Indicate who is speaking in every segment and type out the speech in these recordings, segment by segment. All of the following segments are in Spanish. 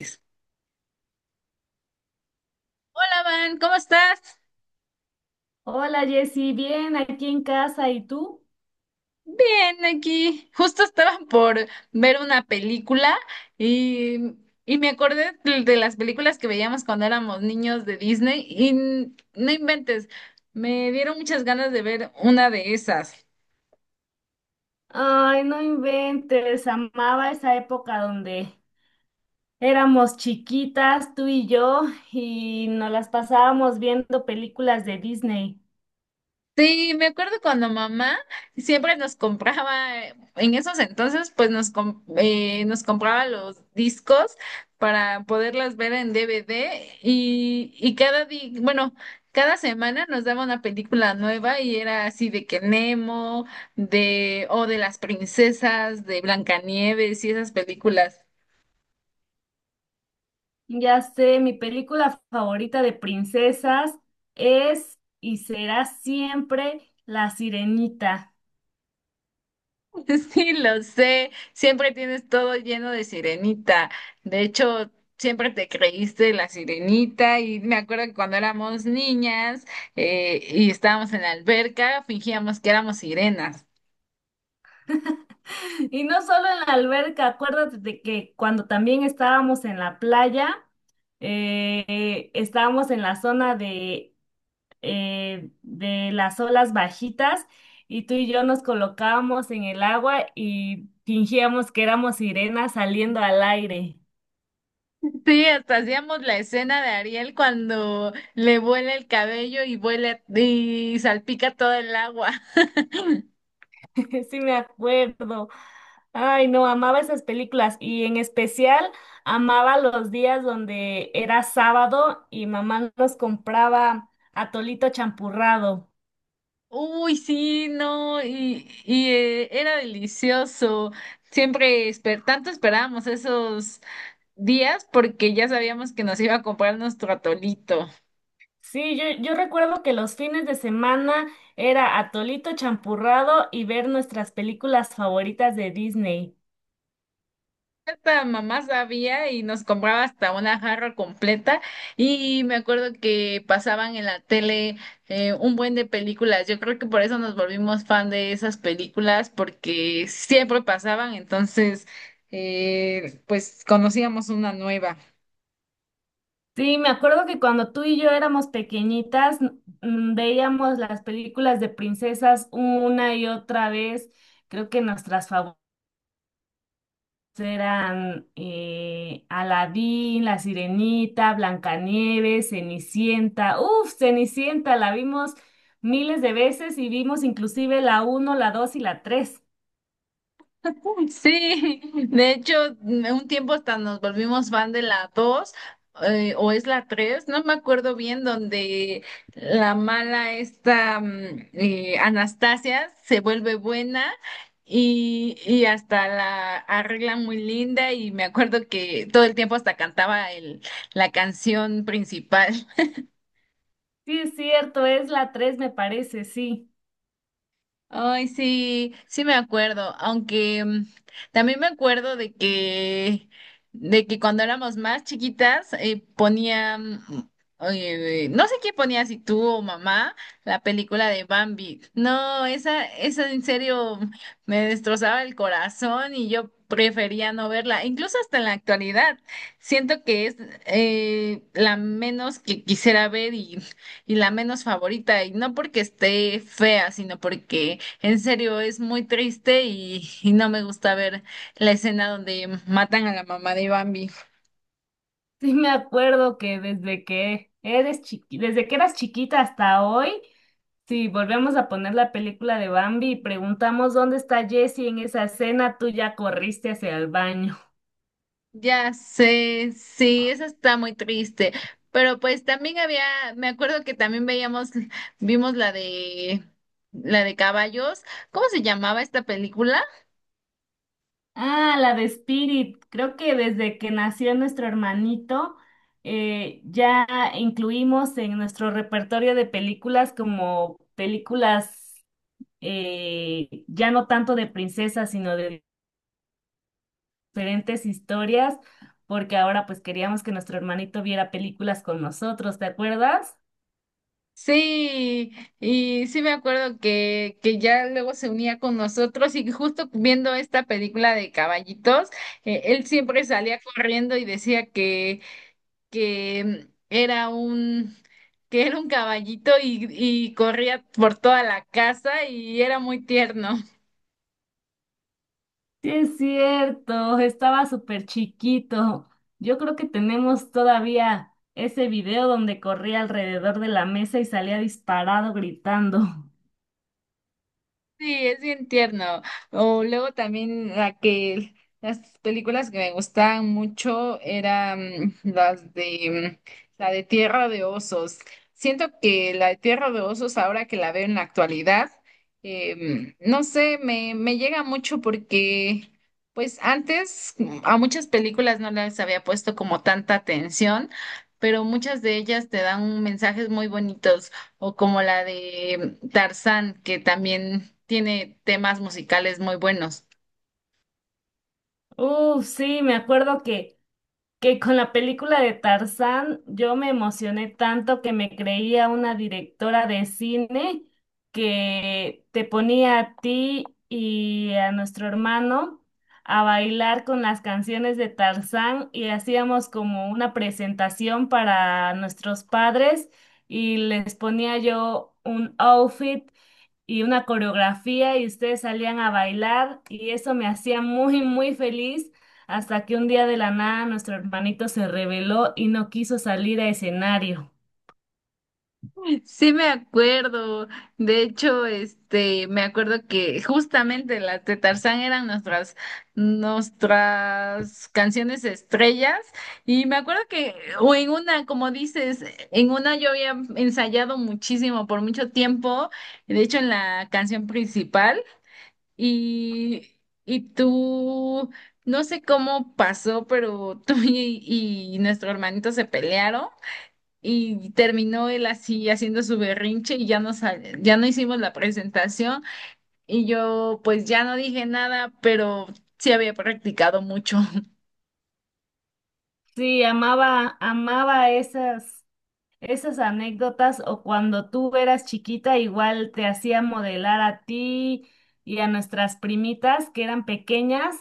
Speaker 1: Hola, Van, ¿cómo estás?
Speaker 2: Hola Jessy, bien aquí en casa, ¿y tú?
Speaker 1: Bien, aquí. Justo estaba por ver una película y, y me acordé de las películas que veíamos cuando éramos niños de Disney y no inventes, me dieron muchas ganas de ver una de esas.
Speaker 2: Ay, no inventes, amaba esa época donde éramos chiquitas, tú y yo, y nos las pasábamos viendo películas de Disney.
Speaker 1: Sí, me acuerdo cuando mamá siempre nos compraba, en esos entonces, pues nos compraba los discos para poderlas ver en DVD y cada cada semana nos daba una película nueva y era así de que Nemo, o de las princesas, de Blancanieves y esas películas.
Speaker 2: Ya sé, mi película favorita de princesas es y será siempre La Sirenita.
Speaker 1: Sí, lo sé, siempre tienes todo lleno de sirenita. De hecho, siempre te creíste la sirenita y me acuerdo que cuando éramos niñas y estábamos en la alberca, fingíamos que éramos sirenas.
Speaker 2: Y no solo en la alberca, acuérdate de que cuando también estábamos en la playa, estábamos en la zona de las olas bajitas y tú y yo nos colocábamos en el agua y fingíamos que éramos sirenas saliendo al aire.
Speaker 1: Sí, hasta hacíamos la escena de Ariel cuando le vuela el cabello y vuela y salpica todo el agua.
Speaker 2: Sí me acuerdo. Ay, no, amaba esas películas y en especial amaba los días donde era sábado y mamá nos compraba atolito champurrado.
Speaker 1: Uy, sí, no, era delicioso. Siempre esperábamos esos días porque ya sabíamos que nos iba a comprar nuestro atolito.
Speaker 2: Sí, yo recuerdo que los fines de semana era atolito champurrado y ver nuestras películas favoritas de Disney.
Speaker 1: Esta mamá sabía y nos compraba hasta una jarra completa y me acuerdo que pasaban en la tele, un buen de películas. Yo creo que por eso nos volvimos fan de esas películas porque siempre pasaban, entonces, pues conocíamos una nueva.
Speaker 2: Sí, me acuerdo que cuando tú y yo éramos pequeñitas, veíamos las películas de princesas una y otra vez. Creo que nuestras favoritas eran Aladín, La Sirenita, Blancanieves, Cenicienta. Uf, Cenicienta, la vimos miles de veces y vimos inclusive la uno, la 2 y la 3.
Speaker 1: Sí, de hecho, un tiempo hasta nos volvimos fan de la dos, o es la 3, no me acuerdo bien, donde la mala esta, Anastasia se vuelve buena y hasta la arregla muy linda y me acuerdo que todo el tiempo hasta cantaba la canción principal.
Speaker 2: Sí, es cierto, es la 3 me parece, sí.
Speaker 1: Ay, sí, sí me acuerdo, aunque, también me acuerdo de que cuando éramos más chiquitas, ponían, no sé quién ponía, si tú o mamá, la película de Bambi. No, esa en serio me destrozaba el corazón y yo prefería no verla, incluso hasta en la actualidad. Siento que es, la menos que quisiera ver y la menos favorita, y no porque esté fea, sino porque en serio es muy triste y no me gusta ver la escena donde matan a la mamá de Bambi.
Speaker 2: Sí, me acuerdo que desde que eras chiquita hasta hoy. Si volvemos a poner la película de Bambi y preguntamos dónde está Jessie en esa escena, tú ya corriste hacia el baño.
Speaker 1: Ya sé, sí, esa está muy triste, pero pues también me acuerdo que también vimos la de caballos, ¿cómo se llamaba esta película?
Speaker 2: Ah, la de Spirit. Creo que desde que nació nuestro hermanito, ya incluimos en nuestro repertorio de películas como películas ya no tanto de princesas, sino de diferentes historias, porque ahora pues queríamos que nuestro hermanito viera películas con nosotros, ¿te acuerdas?
Speaker 1: Sí, y sí me acuerdo que ya luego se unía con nosotros y justo viendo esta película de caballitos, él siempre salía corriendo y decía que era un, que era un caballito y corría por toda la casa y era muy tierno.
Speaker 2: Sí, es cierto, estaba súper chiquito. Yo creo que tenemos todavía ese video donde corría alrededor de la mesa y salía disparado gritando.
Speaker 1: Sí, es bien tierno. O luego también la que las películas que me gustaban mucho eran las de, la de Tierra de Osos. Siento que la de Tierra de Osos, ahora que la veo en la actualidad, no sé, me llega mucho porque pues antes, a muchas películas no les había puesto como tanta atención, pero muchas de ellas te dan mensajes muy bonitos. O como la de Tarzán, que también tiene temas musicales muy buenos.
Speaker 2: Uf, sí, me acuerdo que con la película de Tarzán yo me emocioné tanto que me creía una directora de cine que te ponía a ti y a nuestro hermano a bailar con las canciones de Tarzán y hacíamos como una presentación para nuestros padres y les ponía yo un outfit y una coreografía y ustedes salían a bailar y eso me hacía muy, muy feliz hasta que un día de la nada nuestro hermanito se rebeló y no quiso salir a escenario.
Speaker 1: Sí, me acuerdo. De hecho, este, me acuerdo que justamente las de Tarzán eran nuestras canciones estrellas. Y me acuerdo que, o en una, como dices, en una yo había ensayado muchísimo por mucho tiempo. De hecho, en la canción principal. Y, y tú, no sé cómo pasó, pero y nuestro hermanito se pelearon y terminó él así haciendo su berrinche y ya ya no hicimos la presentación y yo pues ya no dije nada, pero sí había practicado mucho.
Speaker 2: Sí, amaba esas, esas anécdotas o cuando tú eras chiquita igual te hacía modelar a ti y a nuestras primitas que eran pequeñas,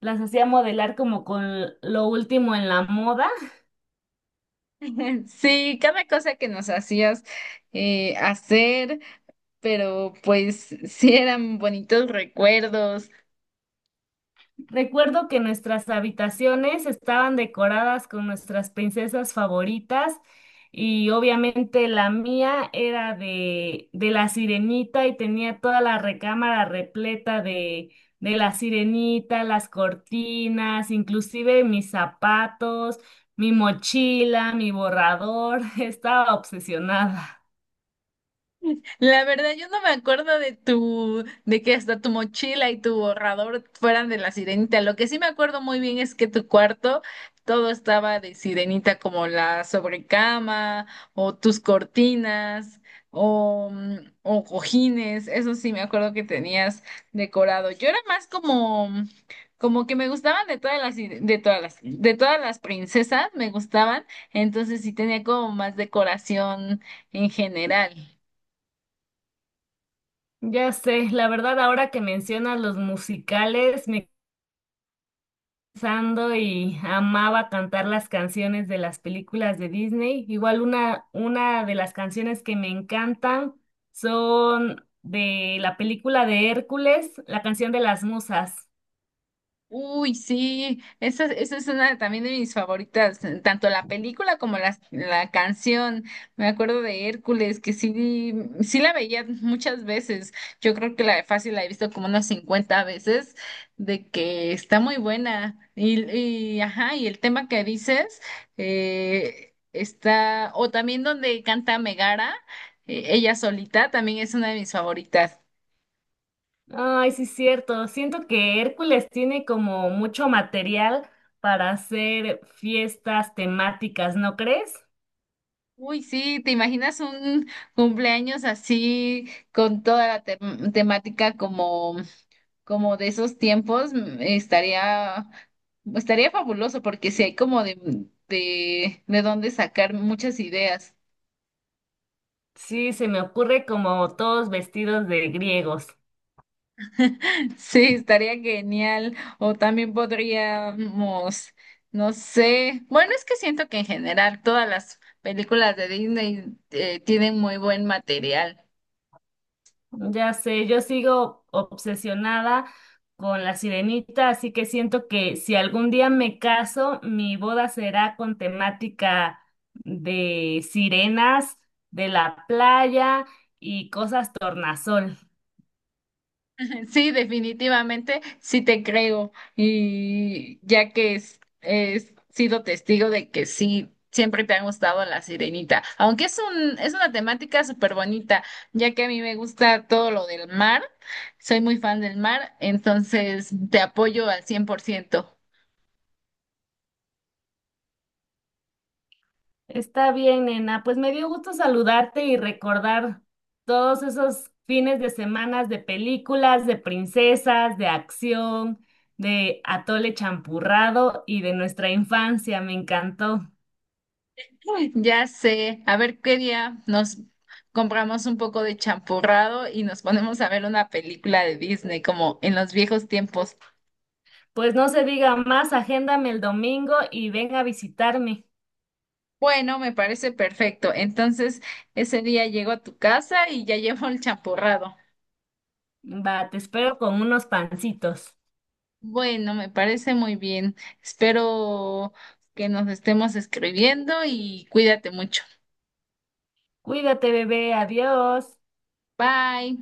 Speaker 2: las hacía modelar como con lo último en la moda.
Speaker 1: Sí, cada cosa que nos hacías, hacer, pero pues sí eran bonitos recuerdos.
Speaker 2: Recuerdo que nuestras habitaciones estaban decoradas con nuestras princesas favoritas y obviamente la mía era de la sirenita y tenía toda la recámara repleta de la sirenita, las cortinas, inclusive mis zapatos, mi mochila, mi borrador. Estaba obsesionada.
Speaker 1: La verdad, yo no me acuerdo de de que hasta tu mochila y tu borrador fueran de la sirenita. Lo que sí me acuerdo muy bien es que tu cuarto todo estaba de sirenita, como la sobrecama, o tus cortinas, o, mm, o cojines. Eso sí me acuerdo que tenías decorado. Yo era más como que me gustaban de todas las, sire- de todas las princesas, me gustaban. Entonces sí tenía como más decoración en general.
Speaker 2: Ya sé, la verdad ahora que mencionas los musicales, me pensando y amaba cantar las canciones de las películas de Disney. Igual una de las canciones que me encantan son de la película de Hércules, la canción de las musas.
Speaker 1: Uy, sí, esa es una también de mis favoritas, tanto la película como la canción. Me acuerdo de Hércules, que sí, sí la veía muchas veces. Yo creo que la de Fácil la he visto como unas 50 veces, de que está muy buena. Y ajá, y el tema que dices, está, o también donde canta Megara, ella solita, también es una de mis favoritas.
Speaker 2: Ay, sí, es cierto. Siento que Hércules tiene como mucho material para hacer fiestas temáticas, ¿no crees?
Speaker 1: Uy, sí, ¿te imaginas un cumpleaños así con toda la temática como, como de esos tiempos? Estaría, estaría fabuloso porque si hay como de dónde sacar muchas ideas.
Speaker 2: Sí, se me ocurre como todos vestidos de griegos.
Speaker 1: Sí, estaría genial. O también podríamos, no sé, bueno, es que siento que en general todas las películas de Disney, tienen muy buen material.
Speaker 2: Ya sé, yo sigo obsesionada con la sirenita, así que siento que si algún día me caso, mi boda será con temática de sirenas, de la playa y cosas tornasol.
Speaker 1: Sí, definitivamente, sí te creo. Y ya que he sido testigo de que sí, siempre te ha gustado la sirenita. Aunque es es una temática súper bonita, ya que a mí me gusta todo lo del mar, soy muy fan del mar, entonces te apoyo al 100%.
Speaker 2: Está bien, nena, pues me dio gusto saludarte y recordar todos esos fines de semanas de películas, de princesas, de acción, de atole champurrado y de nuestra infancia. Me encantó.
Speaker 1: Ya sé, a ver qué día nos compramos un poco de champurrado y nos ponemos a ver una película de Disney, como en los viejos tiempos.
Speaker 2: Pues no se diga más, agéndame el domingo y ven a visitarme.
Speaker 1: Bueno, me parece perfecto. Entonces, ese día llego a tu casa y ya llevo el champurrado.
Speaker 2: Va, te espero con unos pancitos.
Speaker 1: Bueno, me parece muy bien. Espero que nos estemos escribiendo y cuídate mucho.
Speaker 2: Cuídate, bebé, adiós.
Speaker 1: Bye.